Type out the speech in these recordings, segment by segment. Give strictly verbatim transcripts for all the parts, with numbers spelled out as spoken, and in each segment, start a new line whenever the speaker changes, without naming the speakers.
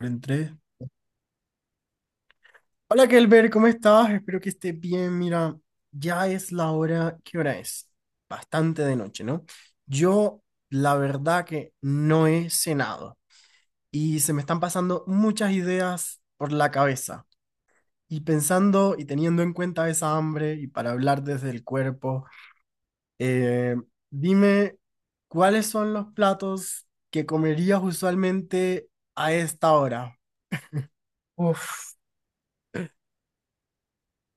Entré. Hola Kelber, ¿cómo estás? Espero que estés bien. Mira, ya es la hora. ¿Qué hora es? Bastante de noche, ¿no? Yo, la verdad que no he cenado y se me están pasando muchas ideas por la cabeza. Y pensando y teniendo en cuenta esa hambre y para hablar desde el cuerpo, eh, dime, ¿cuáles son los platos que comerías usualmente a esta hora?
Uf,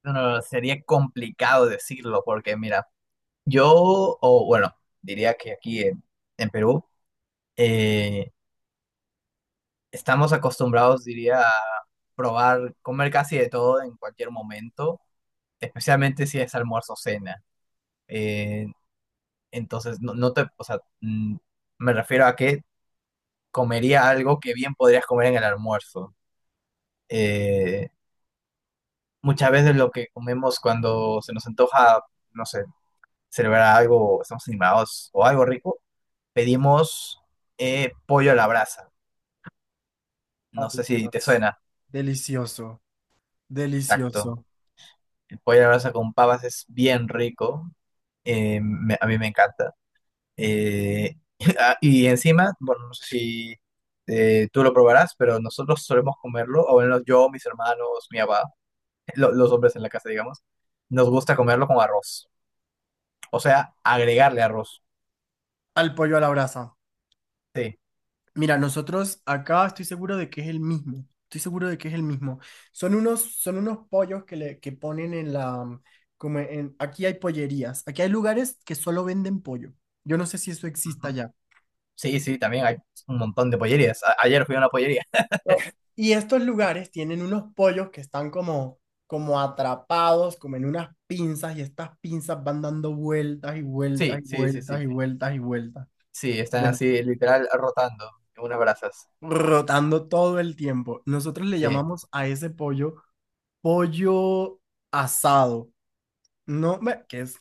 no, sería complicado decirlo porque mira, yo, o bueno, diría que aquí en, en Perú eh, estamos acostumbrados, diría, a probar, comer casi de todo en cualquier momento, especialmente si es almuerzo o cena. Eh, entonces, no, no te, o sea, mm, me refiero a que comería algo que bien podrías comer en el almuerzo. Eh, Muchas veces lo que comemos cuando se nos antoja, no sé. Celebrar algo, estamos animados o algo rico, pedimos eh, pollo a la brasa. No
Ay,
sé si te
Dios,
suena.
delicioso.
Exacto.
Delicioso.
El pollo a la brasa con papas es bien rico. Eh, me- a mí me encanta. Eh, ah, y encima, bueno, no sé si eh, tú lo probarás, pero nosotros solemos comerlo, o bueno, yo, mis hermanos, mi papá, lo- los hombres en la casa, digamos, nos gusta comerlo con arroz. O sea, agregarle arroz.
Al pollo a la brasa.
Sí.
Mira, nosotros acá estoy seguro de que es el mismo. Estoy seguro de que es el mismo. Son unos, son unos pollos que le que ponen en la, mm, como en, aquí hay pollerías. Aquí hay lugares que solo venden pollo. Yo no sé si eso exista ya.
Sí, sí, también hay un montón de pollerías. A- ayer fui a una pollería.
Y estos lugares tienen unos pollos que están como, como atrapados, como en unas pinzas, y estas pinzas van dando vueltas y vueltas
Sí,
y
sí, sí,
vueltas
sí.
y vueltas y vueltas.
Sí, están
Bueno.
así literal rotando en unas brasas.
Rotando todo el tiempo. Nosotros le
Sí.
llamamos a ese pollo pollo asado, ¿no? Ve, que es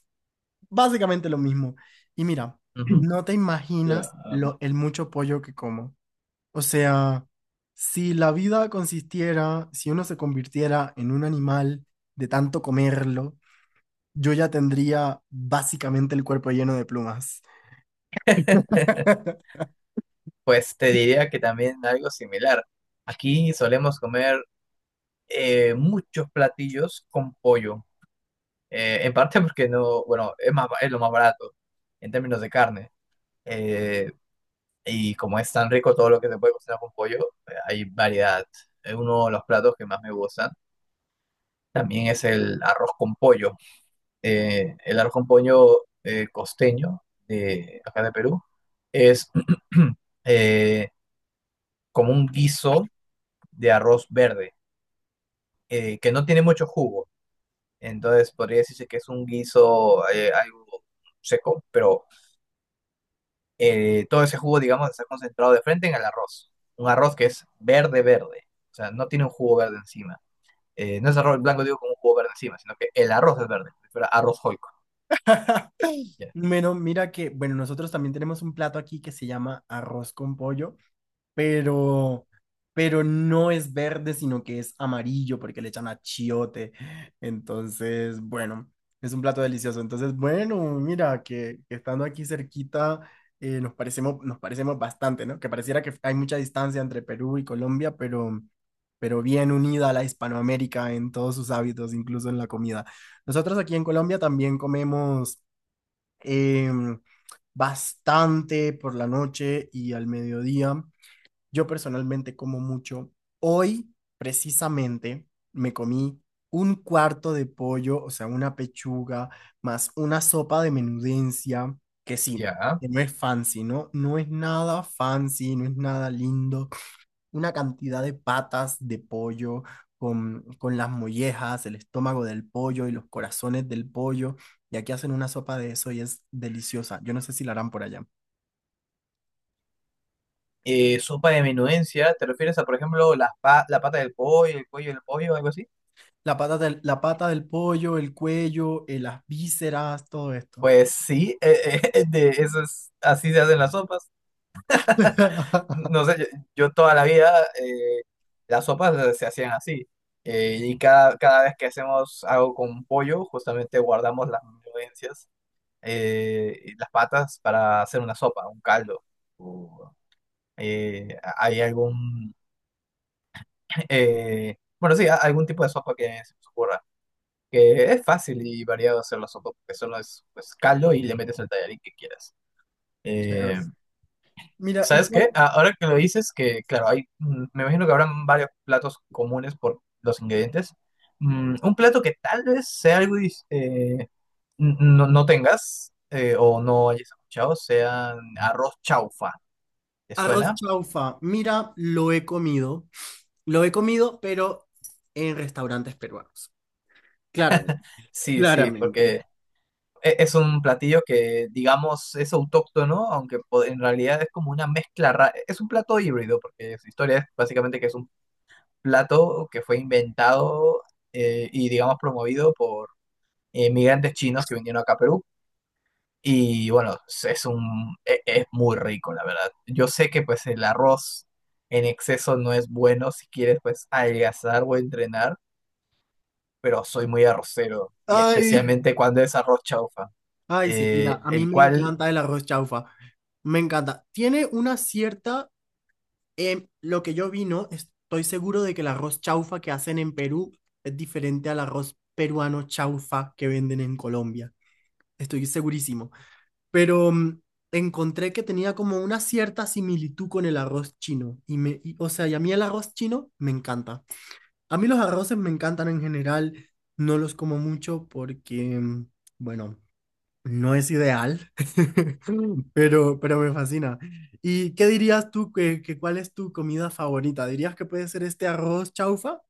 básicamente lo mismo. Y mira,
Ujú.
no te
Ya.
imaginas lo, el mucho pollo que como. O sea, si la vida consistiera, si uno se convirtiera en un animal de tanto comerlo, yo ya tendría básicamente el cuerpo lleno de plumas.
Pues te diría que también algo similar. Aquí solemos comer eh, muchos platillos con pollo. Eh, en parte porque no, bueno, es más, es lo más barato en términos de carne. Eh, y como es tan rico todo lo que se puede cocinar con pollo, eh, hay variedad. Eh, Uno de los platos que más me gustan también es el arroz con pollo. Eh, el arroz con pollo eh, costeño de acá de Perú es eh, como un guiso de arroz verde, eh, que no tiene mucho jugo. Entonces podría decirse que es un guiso eh, algo seco, pero eh, todo ese jugo, digamos, está concentrado de frente en el arroz. Un arroz que es verde, verde. O sea, no tiene un jugo verde encima. Eh, no es arroz blanco, digo, con un jugo verde encima, sino que el arroz es verde. Si arroz joico. Ya.
Bueno, mira que, bueno, nosotros también tenemos un plato aquí que se llama arroz con pollo pero, pero no es verde, sino que es amarillo porque le echan achiote. Entonces, bueno, es un plato delicioso. Entonces, bueno, mira, que, que estando aquí cerquita, eh, nos parecemos, nos parecemos bastante, ¿no? Que pareciera que hay mucha distancia entre Perú y Colombia, pero, pero bien unida a la Hispanoamérica en todos sus hábitos, incluso en la comida. Nosotros aquí en Colombia también comemos... em, bastante por la noche y al mediodía. Yo personalmente como mucho. Hoy, precisamente, me comí un cuarto de pollo, o sea, una pechuga, más una sopa de menudencia, que sí,
Ya.
que no es fancy, ¿no? No es nada fancy, no es nada lindo. Una cantidad de patas de pollo con, con las mollejas, el estómago del pollo y los corazones del pollo. Y aquí hacen una sopa de eso y es deliciosa. Yo no sé si la harán por allá.
Eh, sopa de menudencia, ¿te refieres a, por ejemplo, la pa- la pata del pollo, el cuello del pollo, algo así?
La pata del, la pata del pollo, el cuello, eh, las vísceras, todo esto.
Pues sí, eh, eh, de eso es- así se hacen las sopas. No sé, yo, yo toda la vida eh, las sopas eh, se hacían así. Eh, y cada, cada vez que hacemos algo con pollo, justamente guardamos las menudencias, eh, y las patas para hacer una sopa, un caldo. O, eh, hay algún, eh, bueno, sí, a- algún tipo de sopa que se nos ocurra. Que es fácil y variado hacer la sopa, porque solo es pues, caldo y le metes el tallarín que quieras.
Sure.
Eh,
Mira, ¿y
¿Sabes qué?
cuál?
Ah, ahora que lo dices, que claro, hay, mm, me imagino que habrán varios platos comunes por los ingredientes. Mm, un plato que tal vez sea algo dis- eh, n- no, no tengas eh, o no hayas escuchado, sea arroz chaufa. ¿Te
Arroz
suena?
chaufa. Mira, lo he comido. Lo he comido, pero en restaurantes peruanos. Claramente.
Sí, sí, porque
Claramente.
e- es un platillo que, digamos, es autóctono, aunque po- en realidad es como una mezcla rara. Es un plato híbrido, porque su historia es básicamente que es un plato que fue inventado eh, y, digamos, promovido por inmigrantes chinos que vinieron acá a Perú. Y bueno, es es un, e- es muy rico, la verdad. Yo sé que pues el arroz en exceso no es bueno si quieres pues adelgazar o entrenar, pero soy muy arrocero, y
Ay,
especialmente cuando es arroz chaufa
ay, sí.
eh,
Mira, a mí
el
me
cual
encanta el arroz chaufa. Me encanta. Tiene una cierta, em, lo que yo vi, ¿no? Estoy seguro de que el arroz chaufa que hacen en Perú es diferente al arroz peruano chaufa que venden en Colombia. Estoy segurísimo. Pero mm, encontré que tenía como una cierta similitud con el arroz chino. Y me, y- o sea, y a mí el arroz chino me encanta. A mí los arroces me encantan en general. No los como mucho porque, mm, bueno, no es ideal, pero, pero me fascina. ¿Y qué dirías tú que, que cuál es tu comida favorita? ¿Dirías que puede ser este arroz chaufa?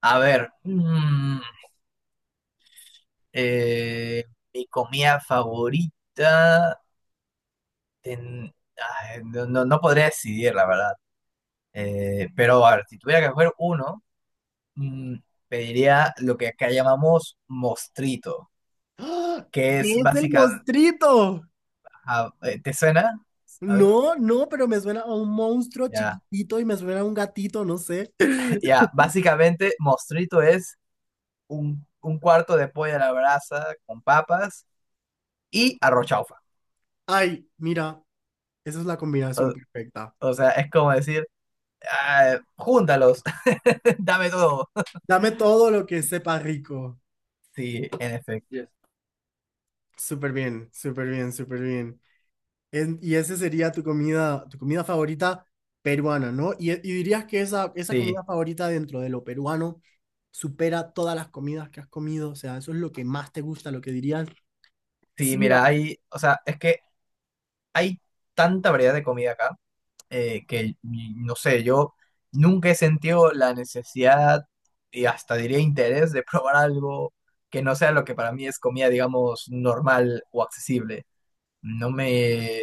A ver, mm, eh, mi comida favorita, ten- ay, no, no- no podría decidir, la verdad. Eh, pero a ver, si tuviera que escoger uno, mm, pediría lo que acá llamamos mostrito,
¡Ah!
que es
¿Qué es el
básicamente,
mostrito?
¿te suena? A ver,
No, no, pero me suena a un monstruo
ya,
chiquitito y me suena a un gatito, no sé.
ya, básicamente mostrito es un, un cuarto de pollo a la brasa con papas y arrochaufa.
Ay, mira, esa es la combinación
O,
perfecta.
o sea, es como decir, ah, júntalos. Dame todo.
Dame todo lo que sepa rico.
Sí, en efecto. Yes.
Súper bien, súper bien, súper bien. En- y esa sería tu comida, tu comida favorita peruana, ¿no? Y, y dirías que esa, esa
Sí,
comida favorita dentro de lo peruano supera todas las comidas que has comido. O sea, eso es lo que más te gusta, lo que dirías.
sí,
Sí, mira,
mira, hay, o sea, es que hay tanta variedad de comida acá eh, que, mm, no sé, yo nunca he sentido la necesidad y hasta diría interés de probar algo que no sea lo que para mí es comida, digamos, normal o accesible. No me...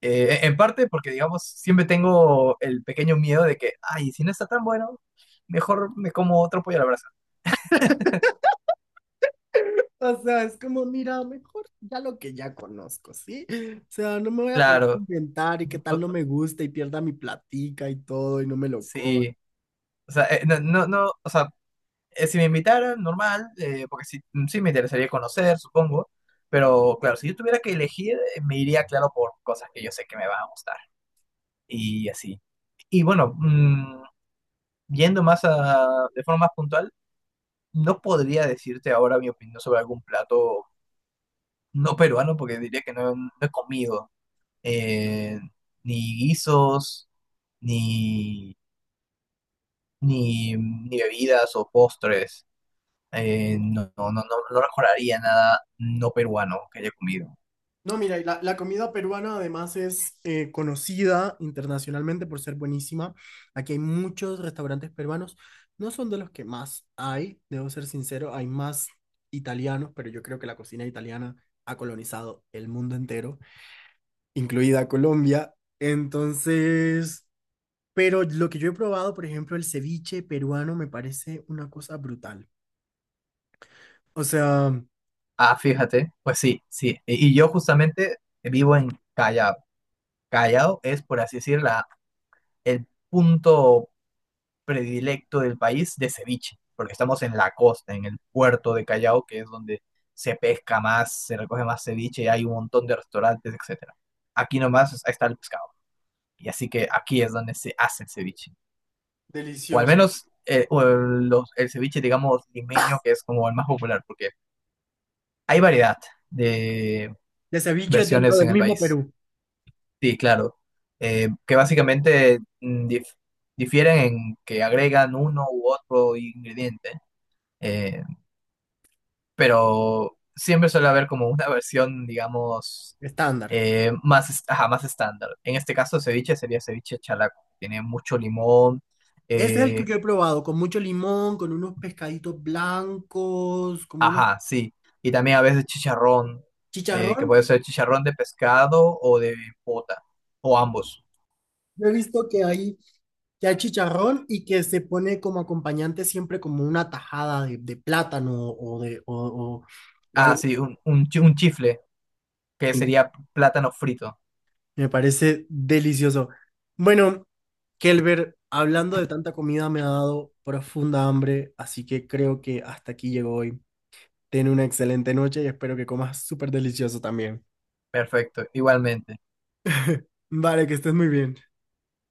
eh, En parte porque, digamos, siempre tengo el pequeño miedo de que, ay, si no está tan bueno, mejor me como otro pollo a la brasa.
o sea, es como, mira, mejor ya lo que ya conozco, ¿sí? O sea, no me voy a poner a
Claro,
inventar y qué tal
o-
no me gusta y pierda mi platica y todo y no me lo coma.
sí. O sea, eh, no, no, no, o sea, eh, si me invitaran, normal, eh, porque sí, mm, sí me interesaría conocer, supongo. Pero claro, si yo tuviera que elegir, eh, me iría, claro, por cosas que yo sé que me van a gustar. Y así. Y bueno, mm, yendo más a, de forma más puntual, no podría decirte ahora mi opinión sobre algún plato no peruano, porque diría que no, no he comido eh, ni guisos, ni, ni, ni bebidas o postres. Eh, no, no, no, no recordaría nada no peruano que haya comido.
No, mira, y la, la comida peruana además es eh, conocida internacionalmente por ser buenísima. Aquí hay muchos restaurantes peruanos. No son de los que más hay, debo ser sincero, hay más italianos, pero yo creo que la cocina italiana ha colonizado el mundo entero, incluida Colombia. Entonces... Pero lo que yo he probado, por ejemplo, el ceviche peruano me parece una cosa brutal. O sea,
Ah, fíjate, pues sí, sí. Y y yo justamente vivo en Callao. Callao es, por así decir, la, el punto predilecto del país de ceviche, porque estamos en la costa, en el puerto de Callao, que es donde se pesca más, se recoge más ceviche, hay un montón de restaurantes, etcétera. Aquí nomás está el pescado, y así que aquí es donde se hace el ceviche. O al
delicioso.
menos eh, o el, los- el ceviche, digamos, limeño, que es como el más popular, porque hay variedad de
El ceviche dentro
versiones
del
en el
mismo
país.
Perú,
Sí, claro. Eh, que básicamente mm, dif- difieren en que agregan uno u otro ingrediente, eh, pero siempre suele haber como una versión, digamos,
estándar.
eh, más, est- ajá, más estándar. En este caso, ceviche sería ceviche chalaco. Tiene mucho limón,
Ese es el que
eh,
yo he probado, con mucho limón, con unos pescaditos blancos, como una
ajá, sí. Y también a veces chicharrón, eh,
chicharrón.
que puede ser chicharrón de pescado o de pota, o ambos.
Yo he visto que hay, que hay chicharrón y que se pone como acompañante siempre como una tajada de, de plátano o de o, o- o
Ah,
algo.
sí, un, un, chi- un chifle, que
Así.
sería plátano frito.
Me parece delicioso. Bueno, Kelber, hablando de tanta comida me ha dado profunda hambre, así que creo que hasta aquí llegó hoy. Ten una excelente noche y espero que comas súper delicioso también.
Perfecto, igualmente.
Vale, que estés muy bien.